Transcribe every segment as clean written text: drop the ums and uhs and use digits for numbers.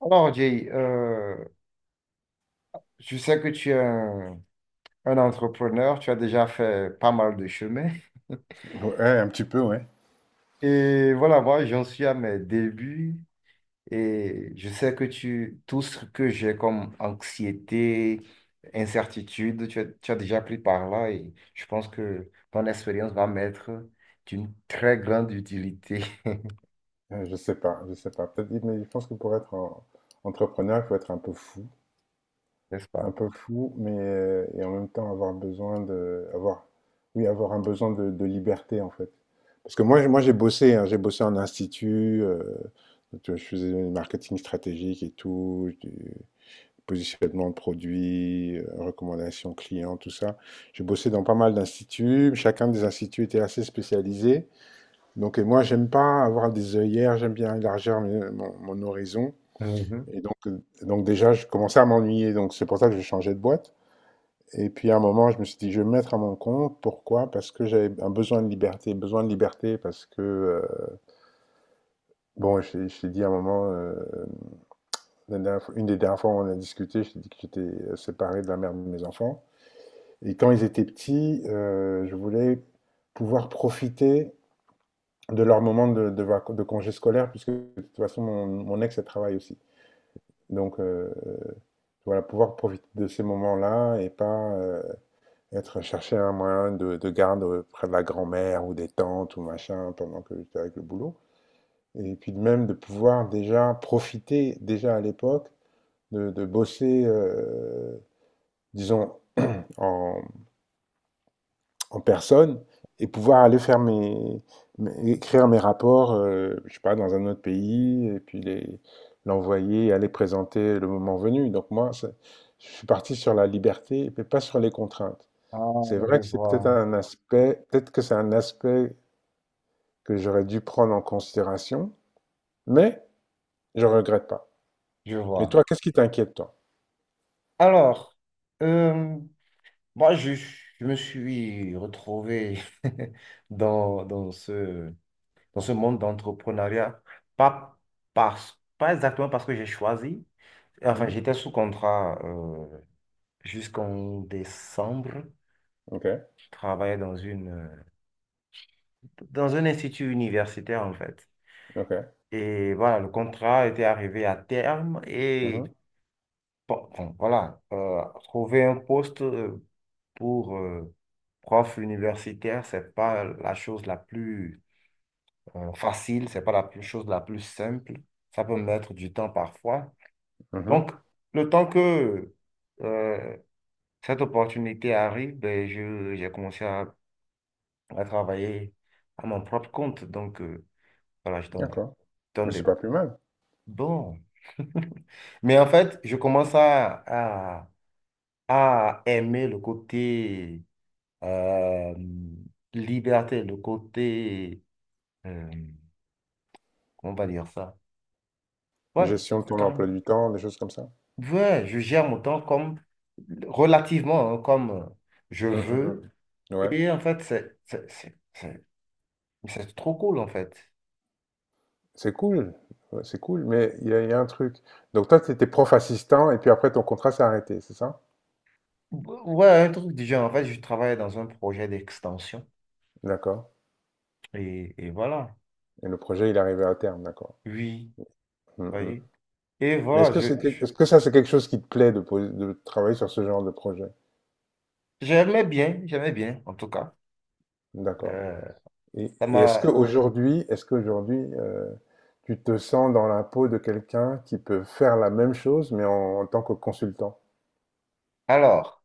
Alors, Jay, je sais que tu es un entrepreneur, tu as déjà fait pas mal de chemin. Ouais, un petit peu, ouais. Et voilà, moi, j'en suis à mes débuts et je sais que tout ce que j'ai comme anxiété, incertitude, tu as déjà pris par là et je pense que ton expérience va m'être d'une très grande utilité, Je sais pas, je sais pas. Peut-être, mais je pense que pour être entrepreneur, il faut être n'est-ce pas? un peu fou, mais et en même temps avoir besoin de, avoir, oui, avoir un besoin de liberté en fait. Parce que moi, moi, j'ai bossé, hein, j'ai bossé en institut, tu vois, je faisais du marketing stratégique et tout, du positionnement de produits, recommandations clients, tout ça. J'ai bossé dans pas mal d'instituts. Chacun des instituts était assez spécialisé. Donc, et moi, j'aime pas avoir des œillères, j'aime bien élargir mon horizon. Mhm. Et donc déjà, je commençais à m'ennuyer. Donc, c'est pour ça que je changeais de boîte. Et puis, à un moment, je me suis dit, je vais me mettre à mon compte. Pourquoi? Parce que j'avais un besoin de liberté. Besoin de liberté parce que, bon, je t'ai dit à un moment, une des dernières fois où on a discuté, je t'ai dit que j'étais séparé de la mère de mes enfants. Et quand ils étaient petits, je voulais pouvoir profiter de leur moment de congé scolaire, puisque de toute façon, mon ex, elle travaille aussi. Donc, voilà, pouvoir profiter de ces moments-là et pas être chercher un moyen de garde près de la grand-mère ou des tantes ou machin pendant que j'étais avec le boulot. Et puis de même de pouvoir déjà profiter, déjà à l'époque, de bosser, disons, en, en personne et pouvoir aller faire écrire mes rapports, je sais pas, dans un autre pays et puis les l'envoyer et aller présenter le moment venu. Donc moi, je suis parti sur la liberté, mais pas sur les contraintes. Ah, C'est vrai je que c'est peut-être vois, un aspect, peut-être que c'est un aspect que j'aurais dû prendre en considération, mais je regrette pas. je Mais vois. toi, qu'est-ce qui t'inquiète, toi? Alors, euh, moi, je me suis retrouvé dans dans ce monde d'entrepreneuriat, pas, pas exactement parce que j'ai choisi. Enfin, Mmh. j'étais sous contrat jusqu'en décembre. OK, Je travaillais dans dans un institut universitaire, en fait. OK. Et voilà, le contrat était arrivé à terme. Et Mhm. bon, voilà, trouver un poste pour... euh, prof universitaire, c'est pas la chose la plus facile, c'est pas chose la plus simple. Ça peut mettre du temps parfois. Mhm. Donc, le temps que euh, cette opportunité arrive, ben, j'ai commencé à travailler à mon propre compte. Donc, voilà, D'accord. donne Mais c'est des- pas plus mal. Bon. Mais en fait, je commence à aimer le côté euh, liberté, euh, comment on va dire ça? Ouais, Gestion de c'est ton carrément... emploi du temps, des choses comme ça? Ouais, je gère mon temps comme relativement hein, comme je Mmh mh, veux. mmh. Mmh. Ouais. Et en fait, c'est trop cool en fait. C'est cool. Ouais, c'est cool, mais il y a un truc. Donc toi, tu étais prof assistant et puis après ton contrat s'est arrêté, c'est ça? Ouais, un truc du genre. En fait, je travaille dans un projet d'extension. D'accord, Et voilà. et le projet, il est arrivé à terme, d'accord. Oui, Mmh vous mh. voyez. Et Mais est-ce voilà, que est-ce que ça c'est quelque chose qui te plaît de travailler sur ce genre de projet? j'aimais j'aimais bien en tout cas. D'accord. Euh, Et, ça et m'a... est-ce qu'aujourd'hui, tu te sens dans la peau de quelqu'un qui peut faire la même chose, mais en tant que consultant? Alors,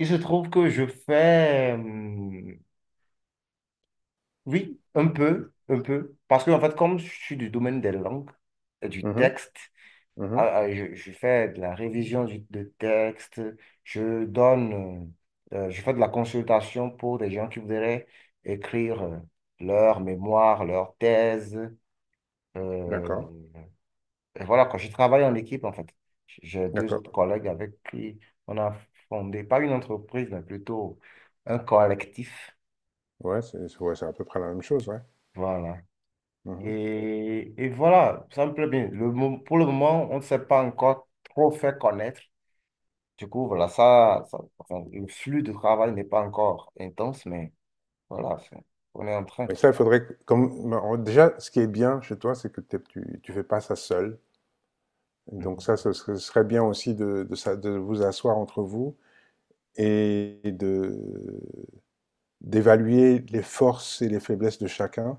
il se trouve que je fais, oui, un peu. Parce que en fait, comme je suis du domaine des langues, et du Mhm. texte, Mhm. Je fais de la révision de texte, je donne, je fais de la consultation pour des gens qui voudraient écrire leur mémoire, leur thèse. Euh, D'accord, et voilà, quand je travaille en équipe, en fait, j'ai deux autres d'accord. collègues avec qui on a fondé, pas une entreprise, mais plutôt un collectif. Ouais, c'est à peu près la même chose, ouais. Voilà. Mhm. Et voilà, ça me plaît bien. Pour le moment, on ne s'est pas encore trop fait connaître. Du coup, voilà, enfin, le flux de travail n'est pas encore intense, mais voilà, c'est- on est en train. Mais ça, il faudrait. Comme, bon, déjà, ce qui est bien chez toi, c'est que tu ne fais pas ça seul. Donc, Mhm, ça, ce serait bien aussi de, de vous asseoir entre vous et de d'évaluer les forces et les faiblesses de chacun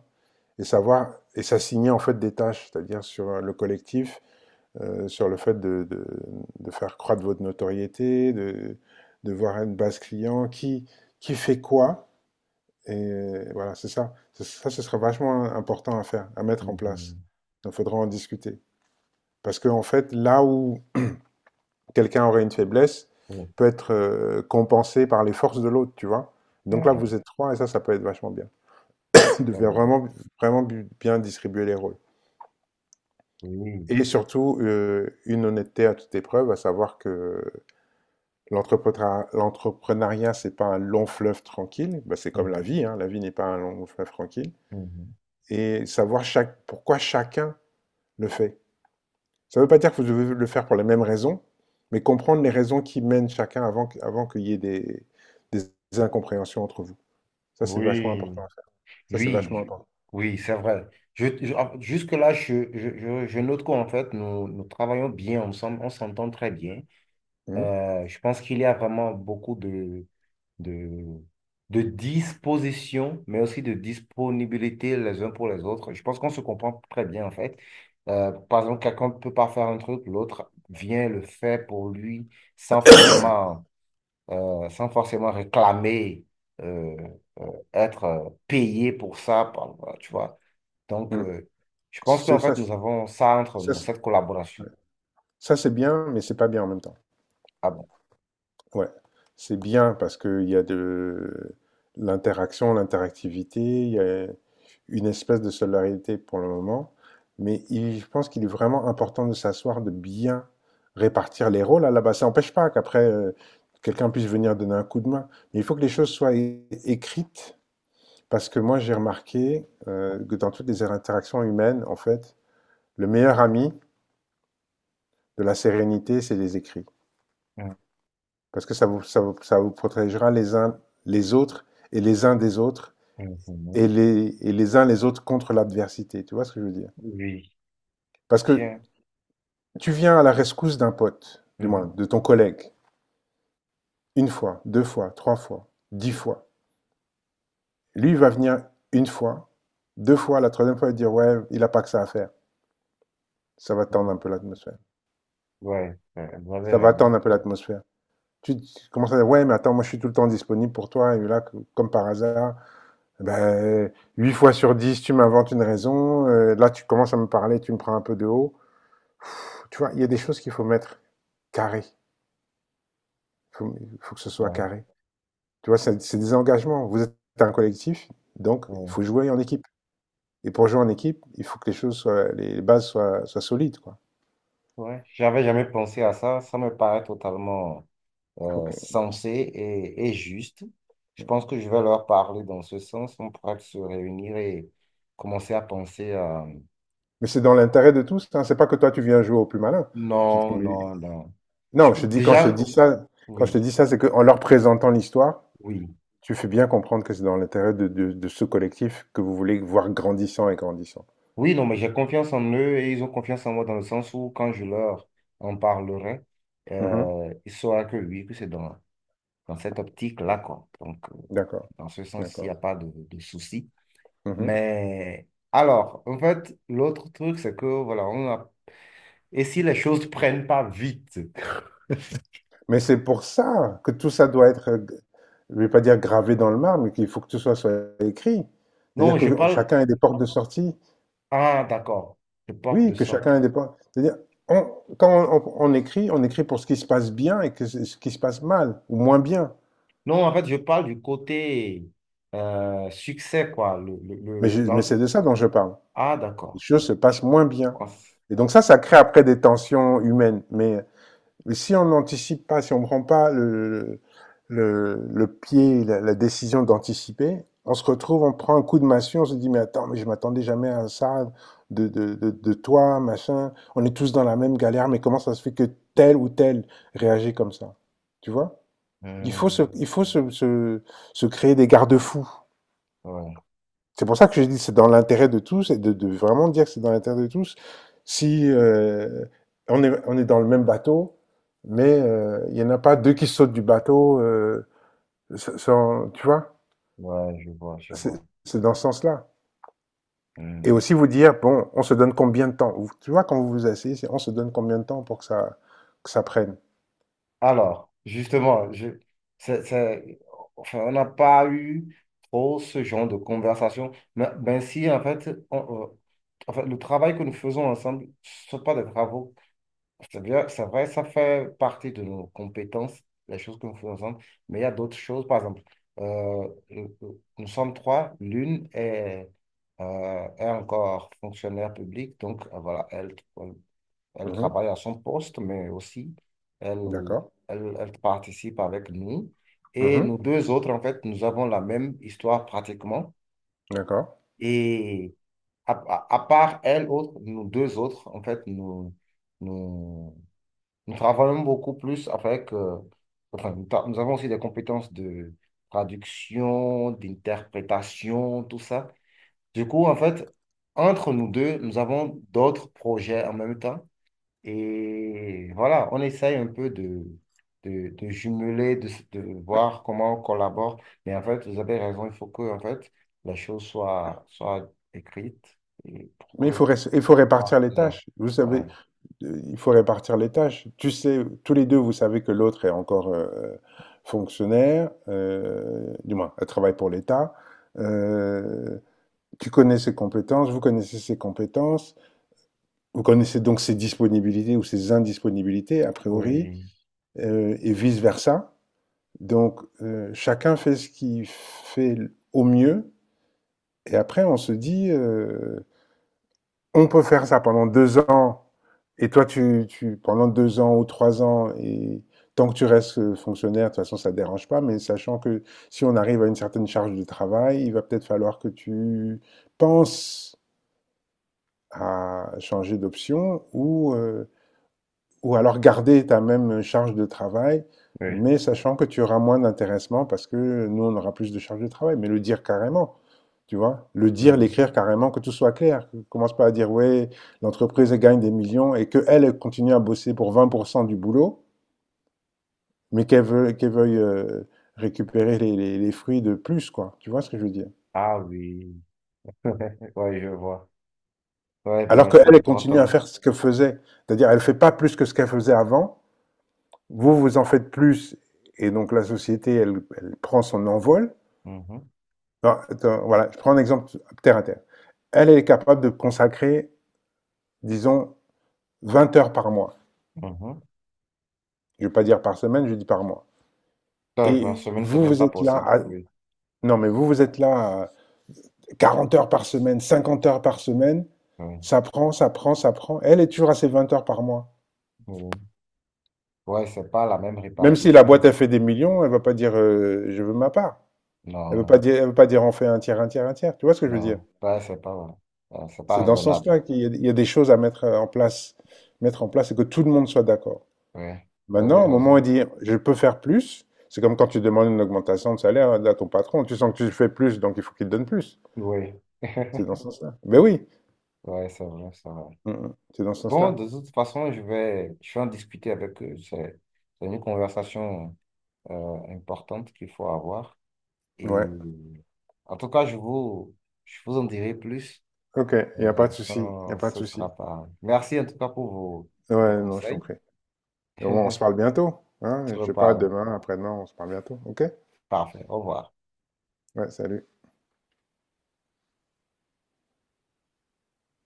et savoir et s'assigner en fait des tâches, c'est-à-dire sur le collectif, sur le fait de faire croître votre notoriété, de voir une base client, qui fait quoi. Et voilà, c'est ça. Ça, ce sera vachement important à faire, à mettre en place. mhm. Donc, il faudra en discuter. Parce qu'en fait, là où quelqu'un aurait une faiblesse, Oh, peut être compensé par les forces de l'autre, tu vois. c'est Donc là, vrai, vous êtes trois et ça peut être vachement bien. De c'est faire vrai. vraiment, vraiment bien distribuer les rôles. Oui, Et surtout, une honnêteté à toute épreuve, à savoir que l'entrepreneuriat, l'entrepreneuriat, c'est pas un long fleuve tranquille. Bah, c'est comme la mhm, vie, hein. La vie n'est pas un long fleuve tranquille. mhm. Et savoir pourquoi chacun le fait. Ça ne veut pas dire que vous devez le faire pour les mêmes raisons, mais comprendre les raisons qui mènent chacun avant qu'il y ait des incompréhensions entre vous. Ça, c'est vachement Oui, important à faire. Ça, c'est oui, vachement je- important. oui, c'est vrai. Jusque-là, je note qu'en fait, nous travaillons bien ensemble, on s'entend très bien. Mhm. Je pense qu'il y a vraiment beaucoup de, de disposition, mais aussi de disponibilité les uns pour les autres. Je pense qu'on se comprend très bien, en fait. Par exemple, quelqu'un ne peut pas faire un truc, l'autre vient le faire pour lui sans forcément, sans forcément réclamer, euh, être payé pour ça, tu vois. Donc, Mhm. Je pense C'est- qu'en Ça, fait, c'est- nous avons ça entre Ça, nous, c'est cette ouais. collaboration. Ça, c'est bien, mais c'est pas bien en même temps. Ah bon. Ouais, c'est bien parce qu'il y a de l'interaction, l'interactivité, il y a une espèce de solidarité pour le moment, mais je pense qu'il est vraiment important de s'asseoir, de bien répartir les rôles à la base. Ça n'empêche pas qu'après, quelqu'un puisse venir donner un coup de main, mais il faut que les choses soient écrites parce que moi j'ai remarqué que dans toutes les interactions humaines, en fait, le meilleur ami de la sérénité, c'est les écrits. Parce que ça vous protégera les uns les autres et les uns des autres Mhm. et Mhm. Les uns les autres contre l'adversité. Tu vois ce que je veux dire? Oui, Parce que tiens. tu viens à la rescousse d'un pote, du moins Mhm. de ton collègue, une fois, deux fois, trois fois, 10 fois. Lui, il va venir une fois, deux fois, la troisième fois, il va dire ouais, il n'a pas que ça à faire. Ça va tendre un Mhm. peu l'atmosphère. Ouais, vous avez Ça va tendre raison. un peu l'atmosphère. Tu commences à dire ouais, mais attends, moi je suis tout le temps disponible pour toi et là, comme par hasard, ben, 8 fois sur 10, tu m'inventes une raison. Là, tu commences à me parler, tu me prends un peu de haut. Tu vois, il y a des choses qu'il faut mettre carré. Il faut, faut, que ce soit Ouais. carré. Tu vois, c'est des engagements. Vous êtes un collectif, donc il Ouais, faut jouer en équipe. Et pour jouer en équipe, il faut que les bases soient solides, quoi. ouais, j'avais jamais pensé à ça. Ça me paraît totalement Il faut que... sensé et juste. Je pense que je vais leur parler dans ce sens. On pourra se réunir et commencer à penser à... Mais c'est dans l'intérêt de tous. Hein. C'est pas que toi tu viens jouer au plus malin. Tu... Non, Mais... non, non. Je Non, peux je te dis quand je te déjà... dis ça, Oui, c'est qu'en leur présentant l'histoire. oui. Tu fais bien comprendre que c'est dans l'intérêt de ce collectif que vous voulez voir grandissant et grandissant. Oui, non, mais j'ai confiance en eux et ils ont confiance en moi dans le sens où quand je leur en parlerai, Mhm. Ils sauront que oui, que c'est dans, dans cette optique-là, quoi. Donc, D'accord, dans ce sens, il n'y d'accord. a pas de souci. Mhm. Mais alors, en fait, l'autre truc, c'est que, voilà, on a... Et si les choses prennent pas vite? Mais c'est pour ça que tout ça doit être, je ne vais pas dire gravé dans le marbre, mais qu'il faut que tout ça soit écrit. Non, C'est-à-dire je que parle... chacun ait des portes de sortie. Ah, d'accord, je porte de Oui, que chacun ait sortie. des portes. C'est-à-dire, on- quand on écrit, on écrit pour ce qui se passe bien et que ce qui se passe mal, ou moins bien. Non, en fait, je parle du côté succès, quoi. Mais, le- je- mais l'en- c'est de ça dont je parle. Ah, Les d'accord. choses se Je passent moins bien. pense... Et donc ça crée après des tensions humaines. Mais si on n'anticipe pas, si on ne prend pas le pied, la décision d'anticiper, on se retrouve, on prend un coup de massue, on se dit mais attends, mais je m'attendais jamais à ça de toi, machin. On est tous dans la même galère, mais comment ça se fait que tel ou tel réagit comme ça? Tu vois? Il faut se, Hum, il faut se, se, se créer des garde-fous. ouais, C'est pour ça que je dis, c'est dans l'intérêt de tous et de vraiment dire que c'est dans l'intérêt de tous. Si on est dans le même bateau, mais il n'y en a pas deux qui sautent du bateau, sans, tu vois, ouais, je vois. c'est dans ce sens-là. Et Hmm. aussi vous dire, bon, on se donne combien de temps. Tu vois, quand vous vous asseyez, on se donne combien de temps pour que ça prenne. Alors, justement, c'est- c'est- enfin, on n'a pas eu trop ce genre de conversation. Mais ben si, en fait, en fait, le travail que nous faisons ensemble, ce ne sont pas des travaux. C'est bien, c'est vrai, ça fait partie de nos compétences, les choses que nous faisons ensemble. Mais il y a d'autres choses, par exemple, nous sommes trois, est encore fonctionnaire public, donc voilà, elle. Elle Mhm. travaille à son poste, mais aussi, elle, D'accord. Elle participe avec nous. Et Mhm. nous deux autres, en fait, nous avons la même histoire pratiquement. D'accord. Et à part elle, autre, nous deux autres, en fait, nous, nous travaillons beaucoup plus avec... enfin, nous avons aussi des compétences de traduction, d'interprétation, tout ça. Du coup, en fait, entre nous deux, nous avons d'autres projets en même temps. Et voilà, on essaye un peu de jumeler, de voir comment on collabore. Mais en fait, vous avez raison, il faut que en fait, la chose soit écrite et Mais pour que il faut soit répartir les clair. tâches. Vous Ouais. savez, il faut répartir les tâches. Tu sais, tous les deux, vous savez que l'autre est encore fonctionnaire, du moins, elle travaille pour l'État. Euh, Tu connais ses compétences, vous connaissez ses compétences, vous connaissez donc ses disponibilités ou ses indisponibilités, a priori, Oui, et vice-versa. Donc, chacun fait ce qu'il fait au mieux, et après, on se dit, on peut faire ça pendant 2 ans, et toi, tu pendant 2 ans ou 3 ans, et tant que tu restes fonctionnaire, de toute façon, ça ne te dérange pas, mais sachant que si on arrive à une certaine charge de travail, il va peut-être falloir que tu penses à changer d'option ou alors garder ta même charge de travail, oui. mais sachant que tu auras moins d'intéressement parce que nous, on aura plus de charge de travail. Mais le dire carrément, tu vois? Le dire, l'écrire Mhm. carrément, que tout soit clair. Commence pas à dire, ouais, l'entreprise elle gagne des millions et qu'elle, elle continue à bosser pour 20% du boulot, mais qu'elle veuille récupérer les fruits de plus, quoi. Tu vois ce que je veux dire? Ah oui, ouais, je vois. Ouais, Alors ouais, qu'elle, c'est elle continue à important. faire ce qu'elle faisait. C'est-à-dire, elle fait pas plus que ce qu'elle faisait avant. Vous, vous en faites plus. Et donc, la société, elle, elle prend son envol. Mhm, Non, attends, voilà, je prends un exemple terre à terre. Elle, elle est capable de consacrer, disons, 20 heures par mois. mhm. Je ne vais pas dire par semaine, je dis par mois. Ouais, par Et semaine, c'est vous, même pas possible. Oui, non, mais vous, vous êtes là à 40 heures par semaine, 50 heures par semaine. oui, Ça prend, ça prend, ça prend. Elle est toujours à ses 20 heures par mois. oui. Ouais, c'est pas la même Même si la boîte répartition. a fait des millions, elle va pas dire je veux ma part. Elle veut pas Non, dire, elle veut pas dire on fait un tiers, un tiers, un tiers. Tu vois ce que je veux dire? non, ouais, c'est pas C'est dans ce raisonnable. sens-là qu'il y a des choses à mettre en place et que tout le monde soit d'accord. Ouais, vous avez Maintenant, au moment où on raison. dit je peux faire plus, c'est comme quand tu demandes une augmentation de salaire à ton patron. Tu sens que tu fais plus, donc il faut qu'il te donne plus. Oui. C'est dans ce sens-là. Ben oui. Ouais, c'est vrai, c'est vrai. Mmh mh. C'est dans ce Bon, sens-là? de toute façon, je vais en discuter avec eux. C'est une conversation importante qu'il faut avoir. Et Ouais. en tout cas, je vous en dirai plus OK, il y a pas de souci, il y a quand pas de ce souci. sera pas. Merci en tout cas pour vos, vos Ouais, non, je t'en conseils. prie. Et au On moins, on se parle bientôt, se hein? Je sais pas, reparle. demain, après-demain, on se parle bientôt, OK? Parfait. Au revoir. Ouais, salut.